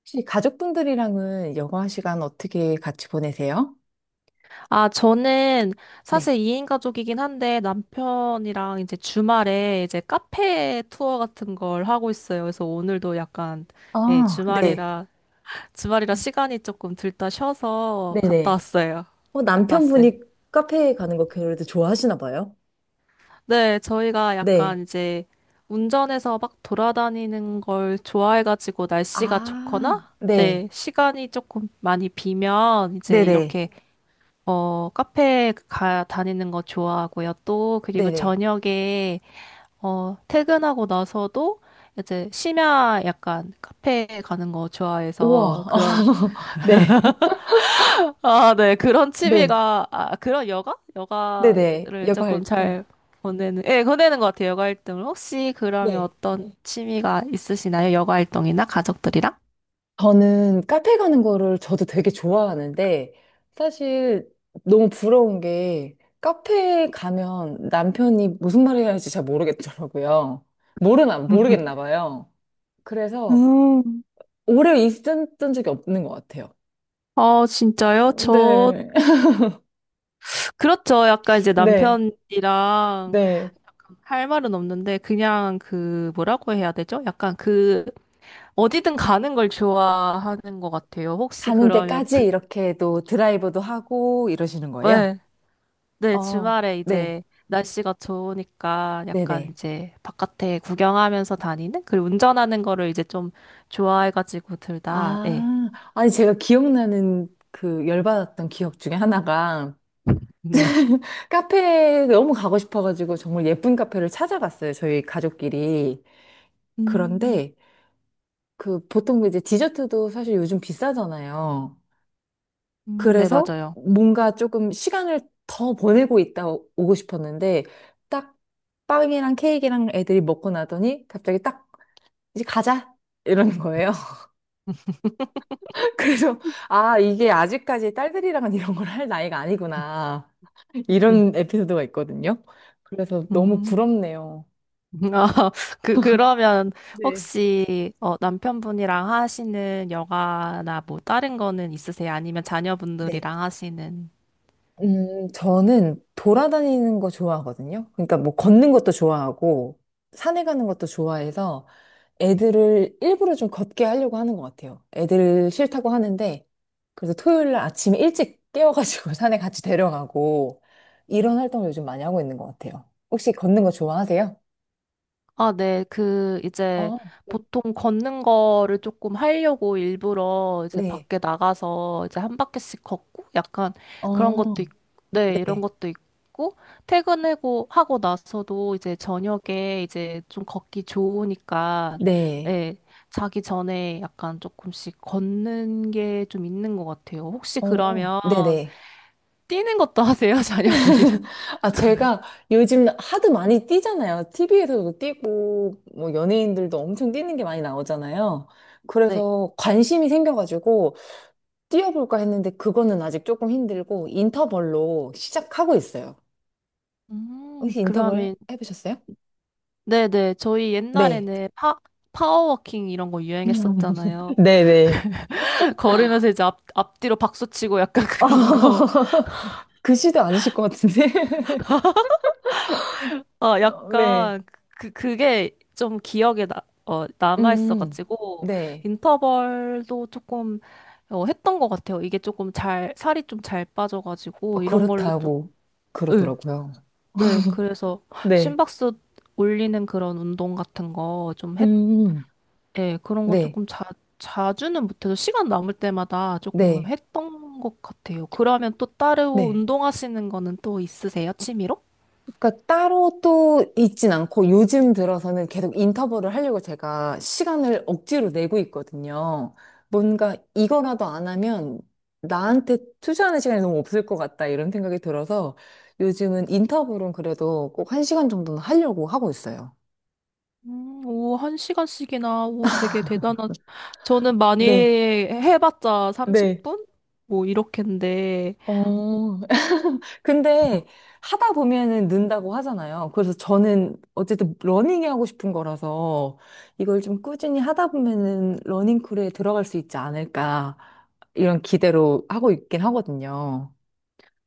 혹시 가족분들이랑은 여가 시간 어떻게 같이 보내세요? 아, 저는 네. 사실 2인 가족이긴 한데 남편이랑 이제 주말에 이제 카페 투어 같은 걸 하고 있어요. 그래서 오늘도 약간, 예, 아, 네. 주말이라 시간이 조금 들다 쉬어서 갔다 네네. 왔어요. 어, 갔다 왔어요. 남편분이 카페에 가는 거 그래도 좋아하시나 봐요? 네, 저희가 네. 약간 이제 운전해서 막 돌아다니는 걸 좋아해가지고 날씨가 좋거나, 아, 네, 네. 시간이 조금 많이 비면 이제 네네. 이렇게 다니는 거 좋아하고요. 또, 그리고 네네. 저녁에, 퇴근하고 나서도 이제 심야 약간 카페 가는 거 좋아해서 우와. 그런, 네. 아, 네, 그런 네. 취미가, 아, 그런 여가? 네네. 여가를 여가 조금 활동. 잘 예, 보내는 것 같아요. 여가 활동을. 혹시 그러면 네. 어떤 취미가 있으시나요? 여가 활동이나 가족들이랑? 저는 카페 가는 거를 저도 되게 좋아하는데, 사실 너무 부러운 게, 카페 가면 남편이 무슨 말을 해야 할지 잘 모르겠더라고요. 모르나, 모르겠나 봐요. 그래서 음. 오래 있었던 적이 없는 것 같아요. 아, 진짜요? 네. 그렇죠. 약간 이제 네. 남편이랑 네. 할 말은 없는데 그냥 그 뭐라고 해야 되죠? 약간 그 어디든 가는 걸 좋아하는 것 같아요. 혹시 가는 그러면 데까지 이렇게 또 드라이브도 하고 이러시는 거예요? 네, 네, 어, 주말에 네. 이제 날씨가 좋으니까 약간 네네. 이제 바깥에 구경하면서 다니는 그리고 운전하는 거를 이제 좀 좋아해가지고 둘 다, 네, 아, 아니, 제가 기억나는 그 열받았던 기억 중에 하나가, 네. 카페 너무 가고 싶어가지고 정말 예쁜 카페를 찾아갔어요. 저희 가족끼리. 음, 그런데 그 보통 이제 디저트도 사실 요즘 비싸잖아요. 네, 그래서 맞아요. 뭔가 조금 시간을 더 보내고 있다 오고 싶었는데 딱 빵이랑 케이크랑 애들이 먹고 나더니 갑자기 딱 이제 가자 이러는 거예요. 그래서 아 이게 아직까지 딸들이랑은 이런 걸 할 나이가 아니구나 음, 이런 에피소드가 있거든요. 그래서 너무 음. 부럽네요. 어, 그러면 네. 혹시 남편분이랑 하시는 여가나 뭐 다른 거는 있으세요? 아니면 네. 자녀분들이랑 하시는? 저는 돌아다니는 거 좋아하거든요. 그러니까 뭐 걷는 것도 좋아하고, 산에 가는 것도 좋아해서 애들을 일부러 좀 걷게 하려고 하는 것 같아요. 애들 싫다고 하는데, 그래서 토요일 날 아침에 일찍 깨워가지고 산에 같이 데려가고, 이런 활동을 요즘 많이 하고 있는 것 같아요. 혹시 걷는 거 좋아하세요? 아, 네. 어, 보통 걷는 거를 조금 하려고 일부러 이제 네. 밖에 나가서 이제 한 바퀴씩 걷고 약간 그런 어, 것도 있, 네, 이런 네. 것도 있고, 퇴근하고 하고 나서도 이제 저녁에 이제 좀 걷기 좋으니까, 네. 예, 자기 전에 약간 조금씩 걷는 게 좀 있는 것 같아요. 혹시 어, 그러면 네네. 뛰는 것도 하세요, 자녀들이랑? 아, 제가 요즘 하드 많이 뛰잖아요. TV에서도 뛰고, 뭐, 연예인들도 엄청 뛰는 게 많이 나오잖아요. 네. 그래서 관심이 생겨가지고, 뛰어볼까 했는데, 그거는 아직 조금 힘들고, 인터벌로 시작하고 있어요. 혹시 그러면 해보셨어요? 네네. 저희 네. 옛날에는 파워워킹 이런 거 유행했었잖아요. 네네. 걸으면서 이제 앞뒤로 박수 치고 약간 그런 거. 그 시도 아니실 것 같은데. 아, 어, 네. 약간 그게 좀 기억에 음, 남아있어가지고, 네. 인터벌도 조금 했던 것 같아요. 이게 조금 살이 좀 잘 어, 빠져가지고, 이런 걸로 좀, 그렇다고 네, 그러더라고요. 네. 그래서 네. 심박수 올리는 그런 운동 같은 거 좀 했던 음, 예, 그런 거 네. 조금 자주는 못해도 시간 남을 때마다 조금 네. 했던 것 같아요. 그러면 또 따로 네. 운동하시는 거는 또 있으세요? 취미로? 그러니까 따로 또 있진 않고 요즘 들어서는 계속 인터벌을 하려고 제가 시간을 억지로 내고 있거든요. 뭔가 이거라도 안 하면 나한테 투자하는 시간이 너무 없을 것 같다 이런 생각이 들어서 요즘은 인터벌은 그래도 꼭 한 시간 정도는 하려고 하고 있어요. 오, 한 시간씩이나, 오, 되게 대단한. 저는 많이 네, 해봤자 네. 30분? 뭐, 이렇게인데, 어, 근데 하다 보면은 는다고 하잖아요. 그래서 저는 어쨌든 러닝이 하고 싶은 거라서 이걸 좀 꾸준히 하다 보면은 러닝크루에 들어갈 수 있지 않을까 이런 기대로 하고 있긴 하거든요.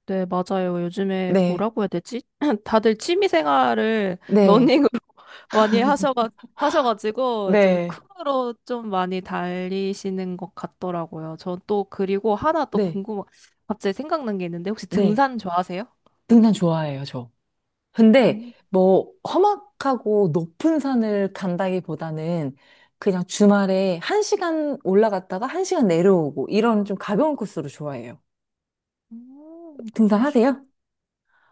네, 맞아요. 요즘에 네, 뭐라고 해야 되지? 다들 취미 생활을 네, 러닝으로 많이 하셔가, 하셔가지고 좀 네, 크루로 좀 많이 달리시는 것 같더라고요. 전 또 그리고 하나 또 네, 갑자기 생각난 게 있는데 혹시 네. 등산 좋아하세요? 등산 좋아해요, 저. 근데 음, 뭐 험악하고 높은 산을 간다기보다는 그냥 주말에 한시간 올라갔다가 한시간 내려오고 이런 좀 가벼운 코스로 좋아해요. 음, 등산하세요?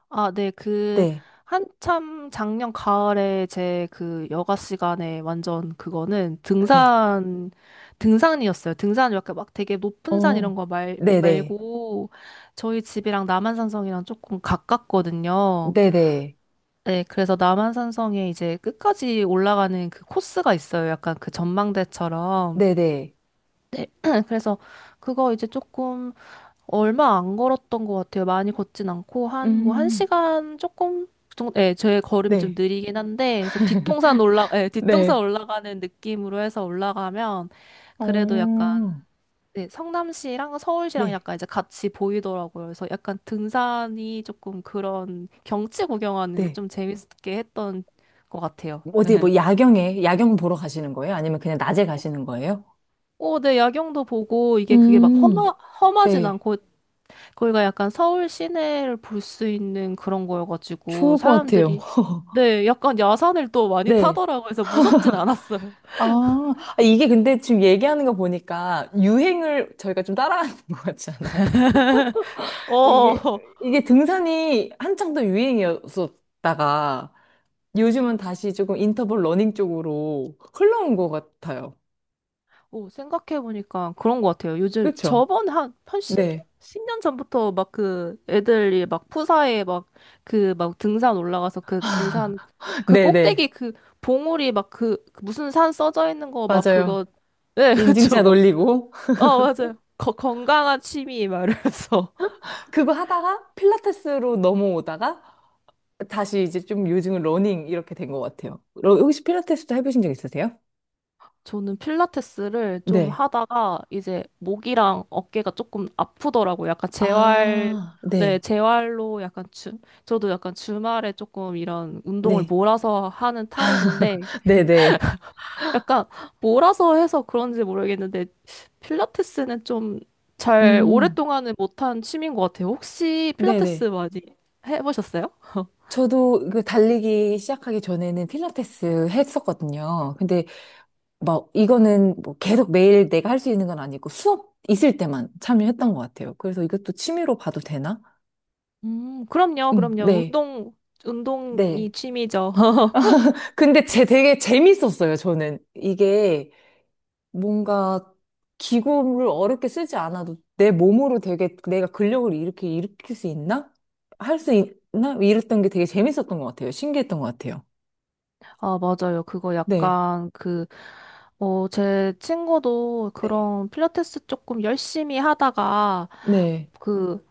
아, 네, 네. 한참 작년 가을에 제 그 여가 시간에 완전 그거는 네. 등산이었어요. 등산 이렇게 막 되게 높은 산 어, 이런 거 네네. 말고 저희 집이랑 남한산성이랑 조금 가깝거든요. 네네. 네, 그래서 남한산성에 이제 끝까지 올라가는 그 코스가 있어요. 약간 그 전망대처럼. 네네. 네, 그래서 그거 이제 조금 얼마 안 걸었던 것 같아요. 많이 걷진 않고 한 뭐 한 음, 시간 조금 그 정도. 예, 제 걸음이 좀 네. 느리긴 한데 그래서 뒷동산 올라 예, 뒷동산 네. 올라가는 느낌으로 해서 올라가면 그래도 약간 어, 네, 성남시랑 서울시랑 네. 약간 이제 같이 보이더라고요. 그래서 약간 등산이 조금 그런 경치 구경하는 게 네. 좀 재밌게 했던 것 같아요. 어디 뭐 야경에, 야경 보러 가시는 거예요? 아니면 그냥 낮에 가시는 거예요? 오, 네, 야경도 보고 이게 그게 막 음, 험하진 네. 않고 거기가 약간 서울 시내를 볼 수 있는 그런 거여가지고 좋을 것 같아요. 사람들이 네, 약간 야산을 또 많이 네. 타더라고 해서 무섭진 않았어요. 아, 아, 이게 근데 지금 얘기하는 거 보니까 유행을 저희가 좀 따라하는 것 같지 않아요? 이게, 어, 이게 등산이 한창 더 유행이었었다가 요즘은 음. 다시 조금 인터벌 러닝 쪽으로 흘러온 것 같아요. 오, 생각해보니까 그런 것 같아요. 요즘 그렇죠? 저번 한 네. 10 년 전부터 막 그 애들이 막 푸사에 막 그 막 등산 올라가서 그 등산 그 네네. 꼭대기 그 봉우리 막그 그 무슨 산 써져 있는 거 막 맞아요. 그거 네, 그쵸. 인증샷 막, 올리고, 어, 맞아요. 건강한 취미 막 이러면서. 그거 하다가 필라테스로 넘어오다가 다시 이제 좀 요즘은 러닝 이렇게 된 것 같아요. 혹시 필라테스도 해보신 적 있으세요? 저는 필라테스를 좀 네. 하다가 이제 목이랑 어깨가 조금 아프더라고요. 약간 아, 네, 네. 재활로 약간 저도 약간 주말에 조금 이런 운동을 네. 몰아서 하는 타입인데 네네. 약간 몰아서 해서 그런지 모르겠는데 필라테스는 좀 잘 음, 오랫동안은 못한 취미인 것 같아요. 혹시 필라테스 네네. 많이 해보셨어요? 저도 그 달리기 시작하기 전에는 필라테스 했었거든요. 근데 막 이거는 뭐 계속 매일 내가 할 수 있는 건 아니고 수업 있을 때만 참여했던 것 같아요. 그래서 이것도 취미로 봐도 되나? 그럼요, 응, 그럼요. 네, 네. 운동이 취미죠. 근데 제 되게 재밌었어요, 저는. 이게 뭔가 기구를 어렵게 쓰지 않아도 내 몸으로 되게 내가 근력을 이렇게 일으킬 수 있나? 할 수 있나? 이랬던 게 되게 재밌었던 것 같아요. 신기했던 것 같아요. 아, 맞아요. 그거 네, 약간 제 친구도 네, 그런 필라테스 조금 열심히 하다가 네. 그,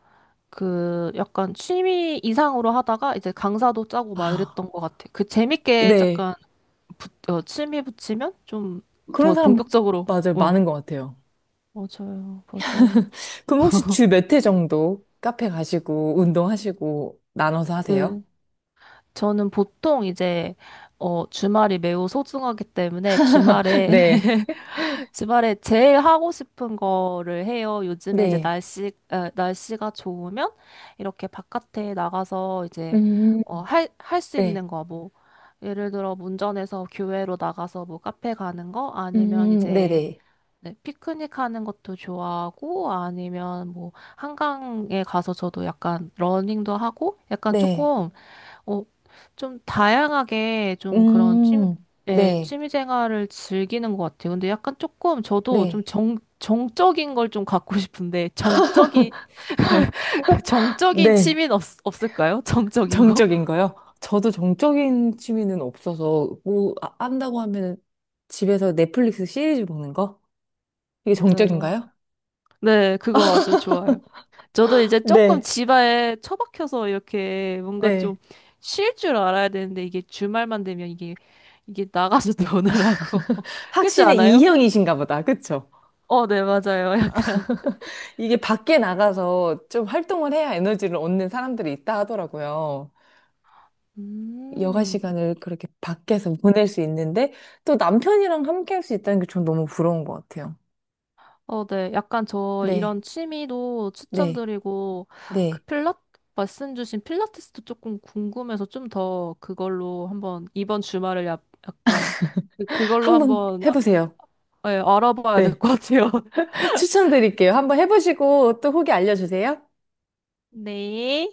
그 약간 취미 이상으로 하다가 이제 강사도 짜고 막 아, 이랬던 것 같아. 그 재밌게 네. 약간 취미 붙이면 좀 그런 더 사람 본격적으로, 맞아요. 어. 많은 것 같아요. 맞아요. 맞아요. 그럼 혹시 주 몇 회 정도 카페 가시고 운동하시고 나눠서 하세요? 네. 저는 보통 이제, 주말이 매우 소중하기 때문에 주말에 네. 주말에 제일 하고 싶은 거를 해요. 요즘에 이제 네. 날씨가 좋으면 이렇게 바깥에 나가서 이제, 음, 할 수 네. 있는 거, 뭐, 예를 들어 운전해서 교외로 나가서 뭐 카페 가는 거, 아니면 이제, 네네. 네, 피크닉 하는 것도 좋아하고, 아니면 뭐, 한강에 가서 저도 약간 러닝도 하고, 약간 네. 조금 어, 좀 다양하게 좀 그런 음, 예, 네. 취미 생활을 즐기는 것 같아요. 근데 약간 조금 저도 좀 네. 정적인 걸 좀 갖고 싶은데, 정적인, 정적인 네. 취미는 없을까요? 정적인 거? 정적인 거요? 저도 정적인 취미는 없어서 뭐 한다고 하면 집에서 넷플릭스 시리즈 보는 거? 이게 맞아요. 정적인가요? 네, 그거 아주 좋아요. 저도 이제 조금 네. 집에 처박혀서 이렇게 뭔가 좀 네. 쉴 줄 알아야 되는데, 이게 주말만 되면 이게 나가서 노느라고. 그렇지 확신의 않아요? 이형이신가 보다. 그쵸? 어, 네, 맞아요. 이게 밖에 나가서 좀 활동을 해야 에너지를 얻는 사람들이 있다 하더라고요. 여가 음. 시간을 그렇게 밖에서 보낼 수 있는데 또 남편이랑 함께 할 수 있다는 게 전 너무 부러운 것 같아요. 어, 네. 약간 저 네, 이런 취미도 네, 추천드리고, 그 네. 필라, 말씀 주신 필라테스도 조금 궁금해서 좀 더 그걸로 한번 이번 주말을 약간 그걸로 한번 한번 해보세요. 아, 예, 알아봐야 될 네. 것 같아요. 추천드릴게요. 한번 해보시고 또 후기 알려주세요. 네.